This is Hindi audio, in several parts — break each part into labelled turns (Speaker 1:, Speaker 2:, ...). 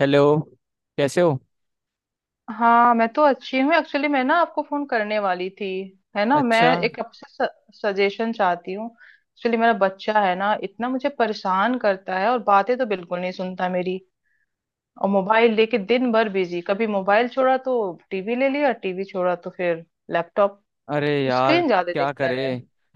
Speaker 1: हेलो। कैसे हो?
Speaker 2: हाँ, मैं तो अच्छी हूँ। एक्चुअली मैं ना आपको फोन करने वाली थी। है ना, मैं
Speaker 1: अच्छा।
Speaker 2: एक आपसे सजेशन चाहती हूँ। एक्चुअली मेरा बच्चा है ना, इतना मुझे परेशान करता है, और बातें तो बिल्कुल नहीं सुनता मेरी। और मोबाइल लेके दिन भर बिजी। कभी मोबाइल छोड़ा तो टीवी ले लिया, टीवी छोड़ा तो फिर लैपटॉप।
Speaker 1: अरे यार,
Speaker 2: स्क्रीन ज्यादा
Speaker 1: क्या
Speaker 2: देखता
Speaker 1: करे।
Speaker 2: है।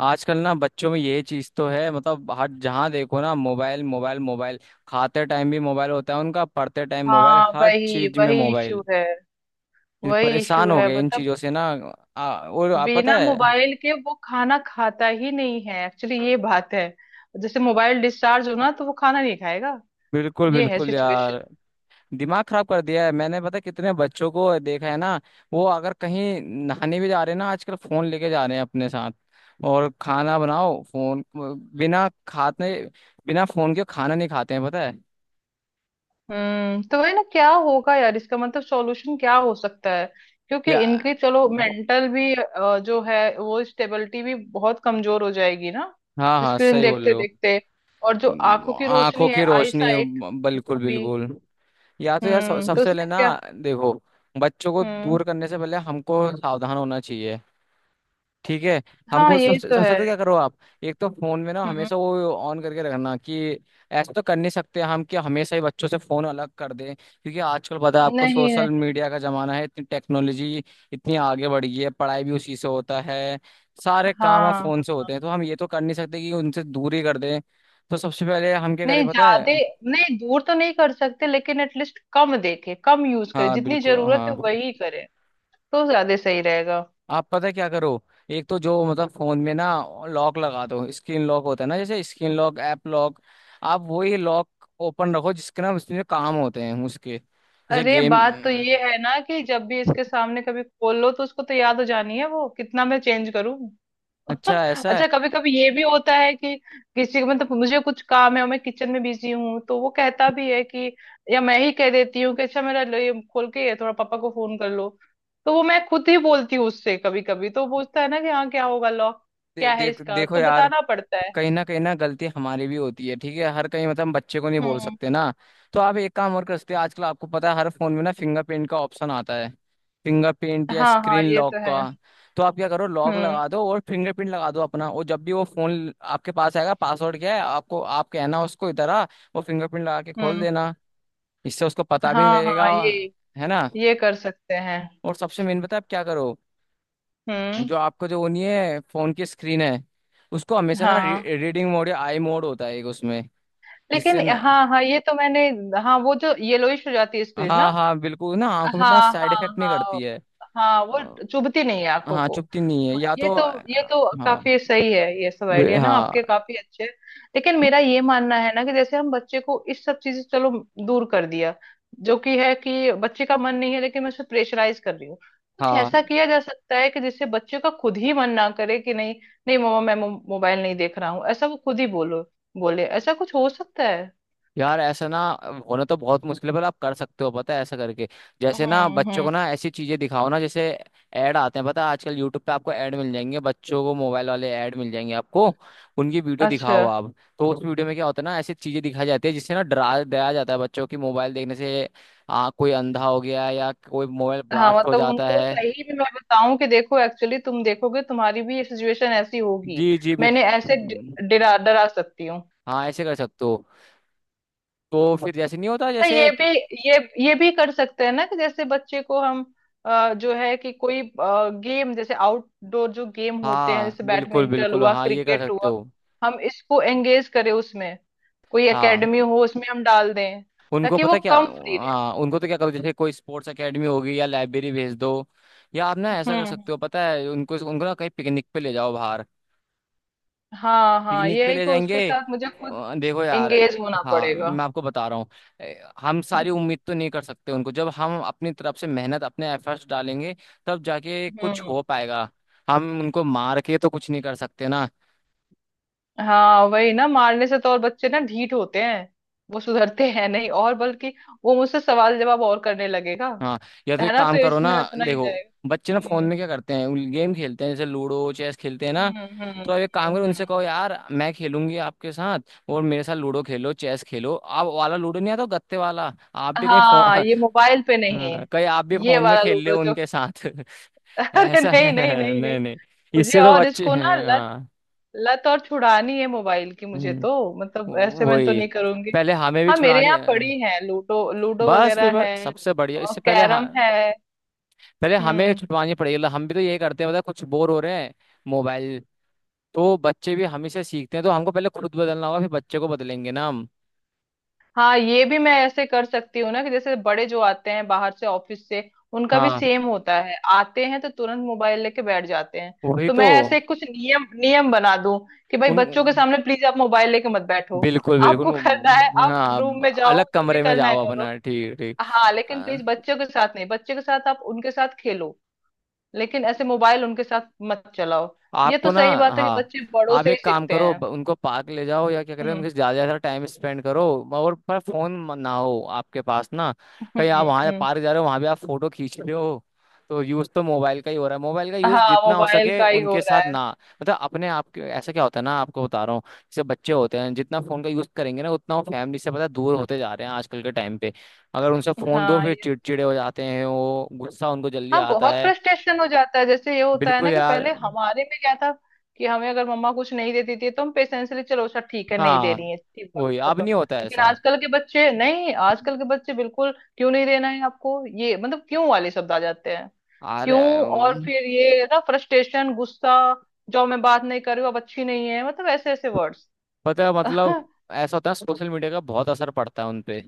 Speaker 1: आजकल ना बच्चों में ये चीज तो है, मतलब हर जहाँ देखो ना मोबाइल मोबाइल मोबाइल। खाते टाइम भी मोबाइल होता है उनका, पढ़ते टाइम मोबाइल,
Speaker 2: हाँ,
Speaker 1: हर
Speaker 2: वही
Speaker 1: चीज में
Speaker 2: वही इशू
Speaker 1: मोबाइल।
Speaker 2: है।
Speaker 1: ये
Speaker 2: वही इशू
Speaker 1: परेशान हो
Speaker 2: है,
Speaker 1: गए इन
Speaker 2: मतलब
Speaker 1: चीजों से ना। और आप पता
Speaker 2: बिना
Speaker 1: है।
Speaker 2: मोबाइल के वो खाना खाता ही नहीं है। एक्चुअली ये बात है। जैसे मोबाइल डिस्चार्ज हो ना, तो वो खाना नहीं खाएगा।
Speaker 1: बिल्कुल
Speaker 2: ये है
Speaker 1: बिल्कुल
Speaker 2: सिचुएशन।
Speaker 1: यार, दिमाग खराब कर दिया है। मैंने पता है कितने बच्चों को देखा है ना। वो अगर कहीं नहाने भी जा रहे हैं ना आजकल, फोन लेके जा रहे हैं अपने साथ। और खाना बनाओ, फोन बिना खाते, बिना फोन के खाना नहीं खाते हैं पता है।
Speaker 2: तो वही ना, क्या होगा यार इसका? मतलब सॉल्यूशन क्या हो सकता है? क्योंकि
Speaker 1: या
Speaker 2: इनकी, चलो मेंटल भी जो है वो स्टेबिलिटी भी बहुत कमजोर हो जाएगी ना,
Speaker 1: हाँ हाँ,
Speaker 2: स्क्रीन
Speaker 1: सही बोल
Speaker 2: देखते
Speaker 1: रहे।
Speaker 2: देखते। और जो
Speaker 1: हो
Speaker 2: आंखों की
Speaker 1: आंखों
Speaker 2: रोशनी
Speaker 1: की
Speaker 2: है, आई
Speaker 1: रोशनी।
Speaker 2: साइट,
Speaker 1: बिल्कुल
Speaker 2: वो भी।
Speaker 1: बिल्कुल। या तो यार,
Speaker 2: तो
Speaker 1: सबसे पहले
Speaker 2: उसमें
Speaker 1: ना
Speaker 2: क्या।
Speaker 1: देखो। बच्चों को
Speaker 2: हम्म।
Speaker 1: दूर करने से पहले हमको सावधान होना चाहिए। ठीक है।
Speaker 2: हाँ,
Speaker 1: हमको
Speaker 2: ये
Speaker 1: सबसे
Speaker 2: तो
Speaker 1: सबसे
Speaker 2: है।
Speaker 1: पहले क्या करो आप। एक तो फोन में ना
Speaker 2: हम्म।
Speaker 1: हमेशा वो ऑन करके रखना कि ऐसा तो कर नहीं सकते हम कि हमेशा ही बच्चों से फोन अलग कर दें, क्योंकि आजकल पता है
Speaker 2: नहीं
Speaker 1: आपको
Speaker 2: नहीं।
Speaker 1: सोशल मीडिया का जमाना है, इतनी टेक्नोलॉजी इतनी आगे बढ़ गई है, पढ़ाई भी उसी से होता है। सारे काम अब
Speaker 2: हाँ,
Speaker 1: फोन से होते हैं तो हम ये तो कर नहीं सकते कि उनसे दूर ही कर दें। तो सबसे पहले हम क्या
Speaker 2: नहीं
Speaker 1: करें पता
Speaker 2: ज्यादा,
Speaker 1: है।
Speaker 2: नहीं दूर तो नहीं कर सकते लेकिन एटलीस्ट कम देखे, कम यूज करे,
Speaker 1: हाँ
Speaker 2: जितनी
Speaker 1: बिल्कुल
Speaker 2: जरूरत
Speaker 1: हाँ।
Speaker 2: है वही करे तो ज्यादा सही रहेगा।
Speaker 1: आप पता है क्या करो। एक तो जो मतलब फोन में ना लॉक लगा दो, स्क्रीन लॉक होता है ना, जैसे स्क्रीन लॉक ऐप लॉक। आप वही लॉक ओपन रखो, जिसके ना उसमें काम होते हैं उसके, जैसे
Speaker 2: अरे,
Speaker 1: गेम।
Speaker 2: बात तो ये है ना कि जब भी इसके सामने कभी खोल लो तो उसको तो याद हो जानी है। वो कितना मैं चेंज करूं?
Speaker 1: अच्छा ऐसा है।
Speaker 2: अच्छा, कभी कभी ये भी होता है कि किसी को, मतलब मुझे कुछ काम है और मैं किचन में बिजी हूँ, तो वो कहता भी है कि, या मैं ही कह देती हूँ कि अच्छा मेरा लो, ये खोल के थोड़ा पापा को फोन कर लो। तो वो मैं खुद ही बोलती हूँ उससे। कभी कभी तो वो पूछता है ना कि हाँ क्या होगा लॉक, क्या है
Speaker 1: देख
Speaker 2: इसका?
Speaker 1: देखो
Speaker 2: तो
Speaker 1: यार,
Speaker 2: बताना पड़ता है।
Speaker 1: कहीं ना गलती हमारी भी होती है, ठीक है, हर कहीं मतलब हम बच्चे को नहीं बोल
Speaker 2: हम्म।
Speaker 1: सकते ना। तो आप एक काम और कर सकते हैं, आजकल आपको पता है हर फोन में ना फिंगरप्रिंट का ऑप्शन आता है। फिंगरप्रिंट या
Speaker 2: हाँ हाँ,
Speaker 1: स्क्रीन
Speaker 2: ये
Speaker 1: लॉक
Speaker 2: तो है।
Speaker 1: का। तो आप क्या करो, लॉक
Speaker 2: हम्म।
Speaker 1: लगा दो और फिंगरप्रिंट लगा दो अपना, और जब भी वो फोन आपके पास आएगा पासवर्ड क्या है आपको, आप कहना उसको इधर आ। वो फिंगरप्रिंट लगा के खोल
Speaker 2: हम्म।
Speaker 1: देना। इससे उसको पता भी नहीं
Speaker 2: हाँ हाँ,
Speaker 1: लगेगा, है ना।
Speaker 2: ये कर सकते हैं।
Speaker 1: और सबसे मेन पता है आप क्या करो,
Speaker 2: हम्म।
Speaker 1: जो आपका जो वो नहीं है फोन की स्क्रीन है। उसको हमेशा ना
Speaker 2: हाँ,
Speaker 1: रीडिंग मोड या आई मोड होता है एक उसमें,
Speaker 2: लेकिन
Speaker 1: जिससे ना
Speaker 2: हाँ हाँ, ये तो मैंने, हाँ वो, जो येलोइश हो जाती है स्क्रीन ना।
Speaker 1: हाँ हाँ बिल्कुल, ना आंखों में
Speaker 2: हाँ
Speaker 1: इतना साइड
Speaker 2: हाँ
Speaker 1: इफेक्ट नहीं
Speaker 2: हाँ।
Speaker 1: करती है।
Speaker 2: हाँ, वो
Speaker 1: अ,
Speaker 2: चुभती नहीं है आंखों
Speaker 1: हाँ,
Speaker 2: को।
Speaker 1: चुभती नहीं है
Speaker 2: हाँ,
Speaker 1: या
Speaker 2: ये
Speaker 1: तो।
Speaker 2: तो, ये तो
Speaker 1: हाँ।
Speaker 2: काफी सही है। ये सब आइडिया ना
Speaker 1: हाँ,
Speaker 2: आपके काफी अच्छे हैं। लेकिन मेरा ये मानना है ना कि जैसे हम बच्चे को इस सब चीज से, चलो दूर कर दिया, जो कि है कि बच्चे का मन नहीं है लेकिन मैं उसे प्रेशराइज कर रही हूँ। कुछ
Speaker 1: हाँ
Speaker 2: ऐसा किया जा सकता है कि जिससे बच्चे का खुद ही मन ना करे, कि नहीं, नहीं मम्मा मैं मोबाइल नहीं देख रहा हूँ, ऐसा वो खुद ही बोलो, बोले, ऐसा कुछ हो सकता है?
Speaker 1: यार ऐसा ना होना तो बहुत मुश्किल है, पर आप कर सकते हो पता है ऐसा करके।
Speaker 2: हम्म।
Speaker 1: जैसे ना बच्चों
Speaker 2: हम्म।
Speaker 1: को ना ऐसी चीजें दिखाओ ना, जैसे ऐड आते हैं पता है आजकल यूट्यूब पे, आपको ऐड मिल जाएंगे बच्चों को मोबाइल वाले, ऐड मिल जाएंगे आपको। उनकी वीडियो
Speaker 2: अच्छा।
Speaker 1: दिखाओ आप, तो उस वीडियो में क्या होता है ना, ऐसी चीजें दिखाई जाती है जिससे ना डरा डराया जाता है बच्चों की मोबाइल देखने से। कोई अंधा हो गया या कोई मोबाइल
Speaker 2: हाँ,
Speaker 1: ब्लास्ट हो
Speaker 2: मतलब
Speaker 1: जाता
Speaker 2: उनको
Speaker 1: है।
Speaker 2: सही में मैं बताऊं कि देखो, एक्चुअली तुम देखोगे, तुम्हारी भी ये सिचुएशन ऐसी होगी,
Speaker 1: जी जी।
Speaker 2: मैंने ऐसे डरा, डरा सकती हूँ।
Speaker 1: हाँ ऐसे कर सकते हो। तो फिर जैसे नहीं होता
Speaker 2: अच्छा,
Speaker 1: जैसे
Speaker 2: ये भी, ये ये भी कर सकते हैं ना कि जैसे बच्चे को हम जो है कि कोई गेम, जैसे आउटडोर जो गेम होते हैं,
Speaker 1: हाँ
Speaker 2: जैसे
Speaker 1: बिल्कुल
Speaker 2: बैडमिंटन
Speaker 1: बिल्कुल,
Speaker 2: हुआ,
Speaker 1: हाँ ये कर
Speaker 2: क्रिकेट
Speaker 1: सकते
Speaker 2: हुआ,
Speaker 1: हो।
Speaker 2: हम इसको एंगेज करें उसमें, कोई एकेडमी
Speaker 1: हाँ
Speaker 2: हो उसमें हम डाल दें
Speaker 1: उनको
Speaker 2: ताकि वो
Speaker 1: पता क्या।
Speaker 2: कम फ्री रहे।
Speaker 1: हाँ उनको तो क्या करो, जैसे कोई स्पोर्ट्स एकेडमी होगी या लाइब्रेरी भेज दो। या आप ना ऐसा कर
Speaker 2: हम्म।
Speaker 1: सकते हो पता है, उनको उनको ना कहीं पिकनिक पे ले जाओ बाहर।
Speaker 2: हाँ हाँ,
Speaker 1: पिकनिक
Speaker 2: ये
Speaker 1: पे
Speaker 2: है
Speaker 1: ले
Speaker 2: कि
Speaker 1: जाएंगे।
Speaker 2: उसके साथ मुझे खुद
Speaker 1: देखो यार,
Speaker 2: एंगेज होना
Speaker 1: हाँ
Speaker 2: पड़ेगा।
Speaker 1: मैं आपको बता रहा हूँ। हम सारी
Speaker 2: हम्म।
Speaker 1: उम्मीद तो नहीं कर सकते उनको, जब हम अपनी तरफ से मेहनत अपने एफर्ट्स डालेंगे तब जाके कुछ
Speaker 2: हम्म।
Speaker 1: हो पाएगा। हम उनको मार के तो कुछ नहीं कर सकते ना।
Speaker 2: हाँ वही ना, मारने से तो और बच्चे ना ढीठ होते हैं। वो सुधरते हैं नहीं, और बल्कि वो मुझसे सवाल जवाब और करने लगेगा।
Speaker 1: हाँ। या तो
Speaker 2: है
Speaker 1: एक
Speaker 2: ना? तो
Speaker 1: काम करो ना,
Speaker 2: इसमें अपना ही
Speaker 1: देखो
Speaker 2: जाएगा।
Speaker 1: बच्चे ना फोन
Speaker 2: हम्म।
Speaker 1: में क्या करते हैं, गेम खेलते हैं जैसे लूडो चेस खेलते हैं ना।
Speaker 2: हम्म। हम्म। हम्म।
Speaker 1: तो अब एक काम करो,
Speaker 2: हम्म।
Speaker 1: उनसे
Speaker 2: हम्म।
Speaker 1: कहो यार मैं खेलूंगी आपके साथ, और मेरे साथ लूडो खेलो चेस खेलो, आप वाला लूडो नहीं आता वो गत्ते वाला, आप भी कहीं फोन
Speaker 2: हाँ, ये मोबाइल पे नहीं
Speaker 1: हाँ,
Speaker 2: है,
Speaker 1: कहीं आप भी
Speaker 2: ये
Speaker 1: फोन में
Speaker 2: वाला
Speaker 1: खेल ले
Speaker 2: लूडो जो।
Speaker 1: उनके साथ
Speaker 2: अरे
Speaker 1: ऐसा
Speaker 2: नहीं नहीं नहीं
Speaker 1: नहीं
Speaker 2: नहीं,
Speaker 1: नहीं।
Speaker 2: मुझे
Speaker 1: इससे तो
Speaker 2: और
Speaker 1: बच्चे
Speaker 2: इसको ना
Speaker 1: हैं।
Speaker 2: लत,
Speaker 1: हाँ।
Speaker 2: लत और छुड़ानी है मोबाइल की मुझे
Speaker 1: हम्म,
Speaker 2: तो, मतलब ऐसे मैं तो
Speaker 1: वही,
Speaker 2: नहीं करूंगी।
Speaker 1: पहले हमें भी
Speaker 2: हाँ, मेरे
Speaker 1: छुड़ानी
Speaker 2: यहाँ
Speaker 1: है।
Speaker 2: पड़ी है लूडो, लूडो
Speaker 1: बस फिर
Speaker 2: वगैरह
Speaker 1: बस
Speaker 2: है
Speaker 1: सबसे बढ़िया,
Speaker 2: और
Speaker 1: इससे पहले
Speaker 2: कैरम
Speaker 1: हाँ।
Speaker 2: है।
Speaker 1: पहले हमें
Speaker 2: हम्म।
Speaker 1: छुटवानी पड़ेगी, मतलब हम भी तो यही करते हैं, मतलब कुछ बोर हो रहे हैं मोबाइल। तो बच्चे भी हमें से सीखते हैं, तो हमको पहले खुद बदलना होगा फिर बच्चे को बदलेंगे ना हम।
Speaker 2: हाँ, ये भी मैं ऐसे कर सकती हूँ ना कि जैसे बड़े जो आते हैं बाहर से, ऑफिस से, उनका भी
Speaker 1: हाँ
Speaker 2: सेम होता है, आते हैं तो तुरंत मोबाइल लेके बैठ जाते हैं।
Speaker 1: वही
Speaker 2: तो मैं
Speaker 1: तो।
Speaker 2: ऐसे कुछ नियम नियम बना दूं कि भाई
Speaker 1: उन
Speaker 2: बच्चों के सामने प्लीज आप मोबाइल लेके मत बैठो।
Speaker 1: बिल्कुल बिल्कुल।
Speaker 2: आपको करना है आप रूम
Speaker 1: हाँ
Speaker 2: में जाओ,
Speaker 1: अलग
Speaker 2: जो भी
Speaker 1: कमरे में
Speaker 2: करना है
Speaker 1: जाओ
Speaker 2: करो।
Speaker 1: अपना, ठीक ठीक
Speaker 2: हाँ, लेकिन प्लीज बच्चों के साथ नहीं, बच्चों के साथ आप उनके साथ खेलो, लेकिन ऐसे मोबाइल उनके साथ मत चलाओ। ये तो
Speaker 1: आपको ना।
Speaker 2: सही बात है कि
Speaker 1: हाँ
Speaker 2: बच्चे बड़ों
Speaker 1: आप
Speaker 2: से ही
Speaker 1: एक काम
Speaker 2: सीखते
Speaker 1: करो,
Speaker 2: हैं।
Speaker 1: उनको पार्क ले जाओ या क्या करें,
Speaker 2: हम्म।
Speaker 1: उनके साथ ज्यादा ज्यादा टाइम स्पेंड करो। और पर फोन ना हो आपके पास ना। कहीं
Speaker 2: हम्म।
Speaker 1: आप वहाँ
Speaker 2: हम्म।
Speaker 1: पार्क जा रहे हो, वहाँ भी आप फोटो खींच रहे हो। तो यूज तो मोबाइल का ही हो रहा है, मोबाइल का यूज
Speaker 2: हाँ,
Speaker 1: जितना हो
Speaker 2: मोबाइल
Speaker 1: सके
Speaker 2: का ही हो
Speaker 1: उनके
Speaker 2: रहा
Speaker 1: साथ
Speaker 2: है।
Speaker 1: ना। मतलब अपने आप के ऐसा क्या होता है ना, आपको बता रहा हूँ, जैसे बच्चे होते हैं जितना फोन का यूज करेंगे ना उतना वो फैमिली से पता है, दूर होते जा रहे हैं आजकल के टाइम पे। अगर उनसे फोन दो
Speaker 2: हाँ
Speaker 1: फिर चिड़चिड़े हो जाते हैं, वो गुस्सा उनको जल्दी
Speaker 2: हाँ,
Speaker 1: आता
Speaker 2: बहुत
Speaker 1: है।
Speaker 2: फ्रस्ट्रेशन हो जाता है। जैसे ये होता है
Speaker 1: बिल्कुल
Speaker 2: ना कि
Speaker 1: यार।
Speaker 2: पहले हमारे में क्या था कि हमें अगर मम्मा कुछ नहीं देती थी तो हम पेशेंसली, चलो अच्छा ठीक है नहीं दे
Speaker 1: हाँ
Speaker 2: रही है, ठीक, बात
Speaker 1: वही अब
Speaker 2: खत्म।
Speaker 1: नहीं होता है
Speaker 2: लेकिन
Speaker 1: ऐसा।
Speaker 2: आजकल के बच्चे नहीं, आजकल के बच्चे बिल्कुल, क्यों नहीं देना है आपको ये, मतलब क्यों वाले शब्द आ जाते हैं।
Speaker 1: अरे।
Speaker 2: क्यों? और फिर ये ना फ्रस्ट्रेशन, गुस्सा, जो मैं बात नहीं कर रही हूँ अब, अच्छी नहीं है, मतलब ऐसे ऐसे वर्ड्स।
Speaker 1: पता है मतलब ऐसा होता है, सोशल मीडिया का बहुत असर पड़ता है उनपे।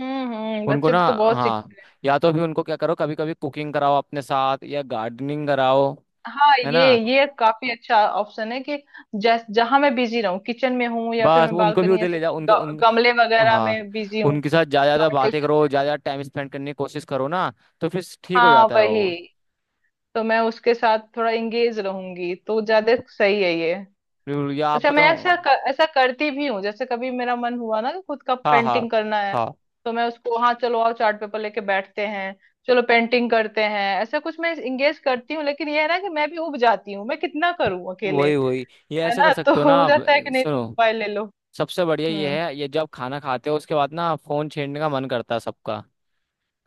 Speaker 2: हम्म। हम्म।
Speaker 1: उनको
Speaker 2: बच्चे
Speaker 1: ना,
Speaker 2: तो बहुत।
Speaker 1: हाँ या तो भी उनको क्या करो, कभी कभी कुकिंग कराओ अपने साथ या गार्डनिंग कराओ।
Speaker 2: हाँ,
Speaker 1: है ना।
Speaker 2: ये काफी अच्छा ऑप्शन है कि जैस जहां मैं बिजी रहूं, किचन में हूँ या फिर
Speaker 1: बस
Speaker 2: मैं
Speaker 1: उनको भी
Speaker 2: बालकनी,
Speaker 1: उधर
Speaker 2: ऐसे
Speaker 1: ले जाओ,
Speaker 2: कुछ
Speaker 1: उनके उन
Speaker 2: गमले वगैरह
Speaker 1: हाँ
Speaker 2: में बिजी हूँ,
Speaker 1: उनके साथ ज्यादा ज्यादा बातें करो,
Speaker 2: प्लांटेशन।
Speaker 1: ज्यादा ज्यादा टाइम स्पेंड करने की कोशिश करो ना। तो फिर ठीक हो
Speaker 2: हाँ
Speaker 1: जाता है
Speaker 2: वही
Speaker 1: वो।
Speaker 2: तो, मैं उसके साथ थोड़ा इंगेज रहूंगी तो ज्यादा सही है ये।
Speaker 1: बिल्कुल, या आप
Speaker 2: अच्छा मैं
Speaker 1: बताओ।
Speaker 2: ऐसा करती भी हूँ, जैसे कभी मेरा मन हुआ ना कि खुद का
Speaker 1: हाँ
Speaker 2: पेंटिंग
Speaker 1: हाँ
Speaker 2: करना है,
Speaker 1: हाँ,
Speaker 2: तो मैं उसको, हाँ चलो आओ चार्ट पेपर लेके बैठते हैं, चलो पेंटिंग करते हैं, ऐसा कुछ मैं इंगेज करती हूँ। लेकिन ये है ना कि मैं भी उब जाती हूँ, मैं कितना करूँ अकेले।
Speaker 1: वही वही, ये
Speaker 2: है
Speaker 1: ऐसे
Speaker 2: ना?
Speaker 1: कर
Speaker 2: तो
Speaker 1: सकते हो ना
Speaker 2: हो
Speaker 1: आप।
Speaker 2: जाता है कि नहीं तो
Speaker 1: सुनो
Speaker 2: मोबाइल ले लो।
Speaker 1: सबसे बढ़िया
Speaker 2: हम्म।
Speaker 1: ये है, ये जब खाना खाते हो उसके बाद ना फोन छेड़ने का मन करता है सबका।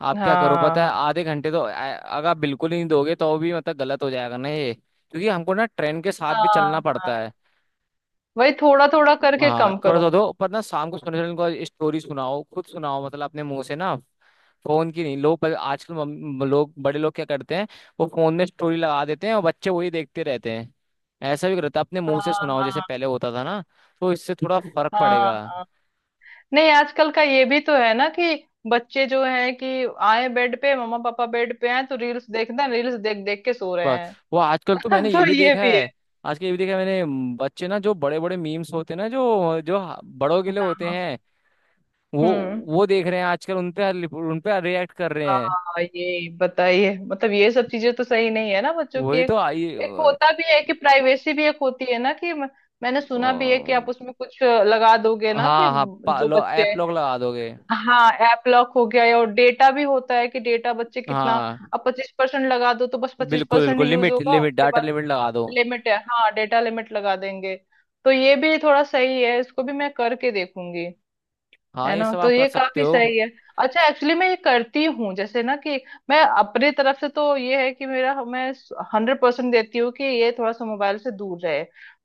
Speaker 1: आप क्या करो
Speaker 2: हाँ
Speaker 1: पता है,
Speaker 2: हाँ
Speaker 1: आधे घंटे तो अगर आप बिल्कुल ही नहीं दोगे तो भी मतलब गलत हो जाएगा ना ये, क्योंकि हमको ना ट्रेन के साथ भी
Speaker 2: हाँ।
Speaker 1: चलना
Speaker 2: हाँ
Speaker 1: पड़ता
Speaker 2: हाँ,
Speaker 1: है।
Speaker 2: वही थोड़ा थोड़ा करके
Speaker 1: हाँ
Speaker 2: कम
Speaker 1: थोड़ा सा
Speaker 2: करूं।
Speaker 1: दो, पर ना शाम को सोने से पहले उनको स्टोरी सुनाओ खुद सुनाओ, मतलब अपने मुंह से ना। फोन की नहीं, लोग आजकल लोग, बड़े लोग क्या करते हैं। वो फोन में स्टोरी लगा देते हैं और बच्चे वही देखते रहते हैं। ऐसा भी करता, अपने मुंह
Speaker 2: हाँ
Speaker 1: से सुनाओ जैसे
Speaker 2: हाँ
Speaker 1: पहले होता था ना, तो इससे थोड़ा फर्क
Speaker 2: हाँ
Speaker 1: पड़ेगा।
Speaker 2: हाँ। नहीं, आजकल का ये भी तो है ना कि बच्चे जो है कि आए बेड पे, मम्मा पापा बेड पे हैं तो रील्स देखना, रील्स देख देख के सो रहे
Speaker 1: बस
Speaker 2: हैं।
Speaker 1: वो आजकल तो मैंने ये
Speaker 2: तो
Speaker 1: भी
Speaker 2: ये
Speaker 1: देखा
Speaker 2: भी है।
Speaker 1: है। आजकल ये भी देखा है मैंने। बच्चे ना, जो बड़े बड़े मीम्स होते हैं ना, जो जो बड़ों के लिए
Speaker 2: हाँ
Speaker 1: होते
Speaker 2: हाँ।
Speaker 1: हैं। वो
Speaker 2: हम्म।
Speaker 1: वो देख रहे हैं आजकल, उन पे उन पे रिएक्ट कर रहे हैं।
Speaker 2: हाँ, ये बताइए, मतलब ये सब चीजें तो सही नहीं है ना बच्चों की,
Speaker 1: वही तो
Speaker 2: एक एक होता भी है कि प्राइवेसी भी एक होती है ना कि मैंने
Speaker 1: अ,
Speaker 2: सुना भी है कि आप उसमें कुछ लगा दोगे ना कि
Speaker 1: हाँ हाँ
Speaker 2: जो बच्चे,
Speaker 1: ऐप लॉक लगा दोगे।
Speaker 2: हाँ ऐप लॉक हो गया है। और डेटा भी होता है कि डेटा बच्चे कितना,
Speaker 1: हाँ
Speaker 2: अब 25% लगा दो तो बस पच्चीस
Speaker 1: बिल्कुल
Speaker 2: परसेंट
Speaker 1: बिल्कुल,
Speaker 2: यूज
Speaker 1: लिमिट
Speaker 2: होगा,
Speaker 1: लिमिट
Speaker 2: उसके
Speaker 1: डाटा
Speaker 2: बाद
Speaker 1: लिमिट लगा दो।
Speaker 2: लिमिट है। हाँ, डेटा लिमिट लगा देंगे। तो ये भी थोड़ा सही है, इसको भी मैं करके देखूंगी।
Speaker 1: हाँ
Speaker 2: है
Speaker 1: ये
Speaker 2: ना?
Speaker 1: सब
Speaker 2: तो
Speaker 1: आप कर
Speaker 2: ये
Speaker 1: सकते
Speaker 2: काफी
Speaker 1: हो।
Speaker 2: सही है। अच्छा, एक्चुअली मैं ये करती हूँ जैसे ना कि मैं अपने तरफ से तो ये है कि मेरा, मैं 100% देती हूँ कि ये थोड़ा सा मोबाइल से दूर रहे।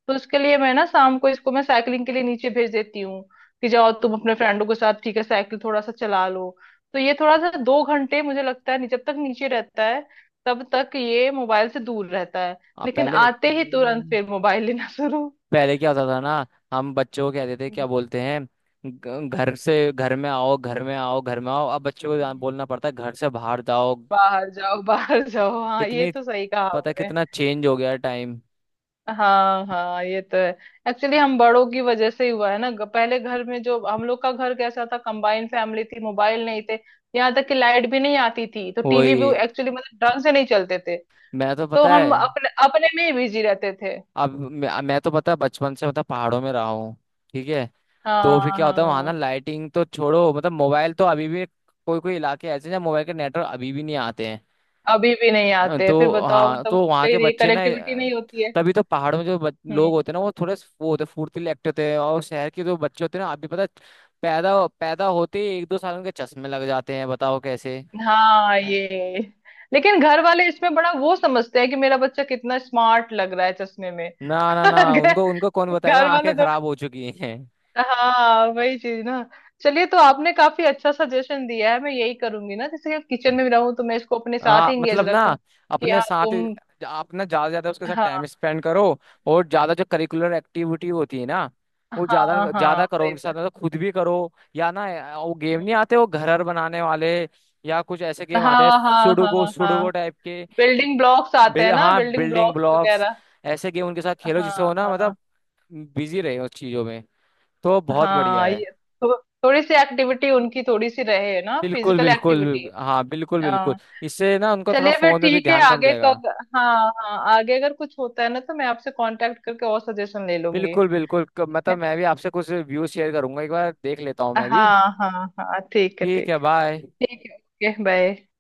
Speaker 2: तो उसके लिए मैं ना शाम को इसको मैं साइकिलिंग के लिए नीचे भेज देती हूँ कि जाओ तुम अपने फ्रेंडों के साथ, ठीक है, साइकिल थोड़ा सा चला लो। तो ये थोड़ा सा 2 घंटे, मुझे लगता है, जब तक नीचे रहता है तब तक ये मोबाइल से दूर रहता है।
Speaker 1: आप
Speaker 2: लेकिन
Speaker 1: पहले,
Speaker 2: आते ही तुरंत फिर मोबाइल लेना शुरू।
Speaker 1: पहले क्या होता था ना, हम बच्चों को कहते थे
Speaker 2: हम्म,
Speaker 1: क्या बोलते हैं, घर से घर में आओ घर में आओ घर में आओ, अब बच्चों को
Speaker 2: हम्म।
Speaker 1: बोलना पड़ता है घर से बाहर जाओ।
Speaker 2: बाहर जाओ, बाहर जाओ, हाँ ये
Speaker 1: कितनी
Speaker 2: तो सही कहा
Speaker 1: पता है
Speaker 2: आपने।
Speaker 1: कितना चेंज हो गया टाइम।
Speaker 2: हाँ हाँ, ये तो है। एक्चुअली हम बड़ों की वजह से ही हुआ है ना, पहले घर में जो हम लोग का घर कैसा था, कंबाइंड फैमिली थी, मोबाइल नहीं थे। यहाँ तक कि लाइट भी नहीं आती थी तो टीवी भी
Speaker 1: वही,
Speaker 2: एक्चुअली मतलब ढंग से नहीं चलते थे।
Speaker 1: मैं तो
Speaker 2: तो
Speaker 1: पता है।
Speaker 2: हम अपने अपने में ही बिजी रहते थे।
Speaker 1: अब मैं तो पता है बचपन से मतलब पहाड़ों में रहा हूँ। ठीक है।
Speaker 2: हाँ
Speaker 1: तो फिर क्या होता है वहां
Speaker 2: हाँ।
Speaker 1: ना, लाइटिंग तो छोड़ो मतलब मोबाइल तो अभी भी कोई कोई इलाके ऐसे हैं जहाँ मोबाइल के नेटवर्क अभी भी नहीं आते हैं।
Speaker 2: अभी भी नहीं आते, फिर
Speaker 1: तो
Speaker 2: बताओ,
Speaker 1: हाँ,
Speaker 2: मतलब
Speaker 1: तो
Speaker 2: होते
Speaker 1: वहाँ
Speaker 2: ही
Speaker 1: के
Speaker 2: नहीं,
Speaker 1: बच्चे ना
Speaker 2: कनेक्टिविटी नहीं होती है।
Speaker 1: तभी तो पहाड़ों में जो
Speaker 2: हम्म।
Speaker 1: लोग होते हैं ना वो थोड़े वो होते हैं, फुर्तीले एक्टिव होते हैं, और शहर के जो बच्चे होते हैं ना, आप भी पता है, पैदा पैदा होते ही एक दो साल उनके चश्मे लग जाते हैं, बताओ कैसे।
Speaker 2: हाँ, ये लेकिन घर वाले इसमें बड़ा वो समझते हैं कि मेरा बच्चा कितना स्मार्ट लग रहा है चश्मे में।
Speaker 1: ना ना ना, उनको उनको कौन बताएगा
Speaker 2: घर वाले
Speaker 1: आंखें
Speaker 2: तो,
Speaker 1: खराब हो चुकी हैं।
Speaker 2: हाँ वही चीज ना। चलिए, तो आपने काफी अच्छा सजेशन दिया है, मैं यही करूंगी ना, जैसे किचन में भी रहूं तो मैं इसको अपने साथ
Speaker 1: हाँ
Speaker 2: ही इंगेज
Speaker 1: मतलब ना,
Speaker 2: रखूं कि
Speaker 1: अपने
Speaker 2: हाँ
Speaker 1: साथ ही
Speaker 2: तुम।
Speaker 1: आप ना ज्यादा से ज्यादा उसके साथ
Speaker 2: हाँ
Speaker 1: टाइम स्पेंड करो, और ज्यादा जो करिकुलर एक्टिविटी होती है ना, वो
Speaker 2: हाँ,
Speaker 1: ज्यादा
Speaker 2: हाँ
Speaker 1: ज्यादा करो
Speaker 2: वही
Speaker 1: उनके साथ,
Speaker 2: मैं।
Speaker 1: मतलब खुद भी करो। या ना वो गेम नहीं आते वो घर हर बनाने वाले, या कुछ ऐसे गेम आते हैं
Speaker 2: हाँ हाँ
Speaker 1: सुडोको
Speaker 2: हाँ हाँ।
Speaker 1: सुडोको टाइप के।
Speaker 2: बिल्डिंग ब्लॉक्स आते हैं ना,
Speaker 1: हाँ
Speaker 2: बिल्डिंग
Speaker 1: बिल्डिंग
Speaker 2: ब्लॉक्स
Speaker 1: ब्लॉक्स,
Speaker 2: वगैरह।
Speaker 1: ऐसे गेम उनके साथ खेलो
Speaker 2: हाँ
Speaker 1: जिससे वो ना
Speaker 2: हाँ।
Speaker 1: मतलब बिजी रहे उस चीजों में। तो बहुत बढ़िया
Speaker 2: हाँ,
Speaker 1: है।
Speaker 2: ये थो, थोड़ी सी एक्टिविटी उनकी, थोड़ी सी रहे ना
Speaker 1: बिल्कुल
Speaker 2: फिजिकल एक्टिविटी।
Speaker 1: बिल्कुल हाँ, बिल्कुल बिल्कुल,
Speaker 2: हाँ।
Speaker 1: इससे ना उनका थोड़ा
Speaker 2: चलिए फिर,
Speaker 1: फोन में भी
Speaker 2: ठीक है
Speaker 1: ध्यान कम
Speaker 2: आगे
Speaker 1: जाएगा।
Speaker 2: कब, हाँ हाँ, आगे अगर कुछ होता है ना तो मैं आपसे कांटेक्ट करके और सजेशन ले लूंगी।
Speaker 1: बिल्कुल बिल्कुल, मतलब मैं भी आपसे कुछ व्यूज शेयर करूंगा, एक बार देख लेता हूँ मैं भी।
Speaker 2: हाँ हाँ। हाँ ठीक है,
Speaker 1: ठीक
Speaker 2: ठीक
Speaker 1: है, बाय।
Speaker 2: है ठीक है। Okay bye.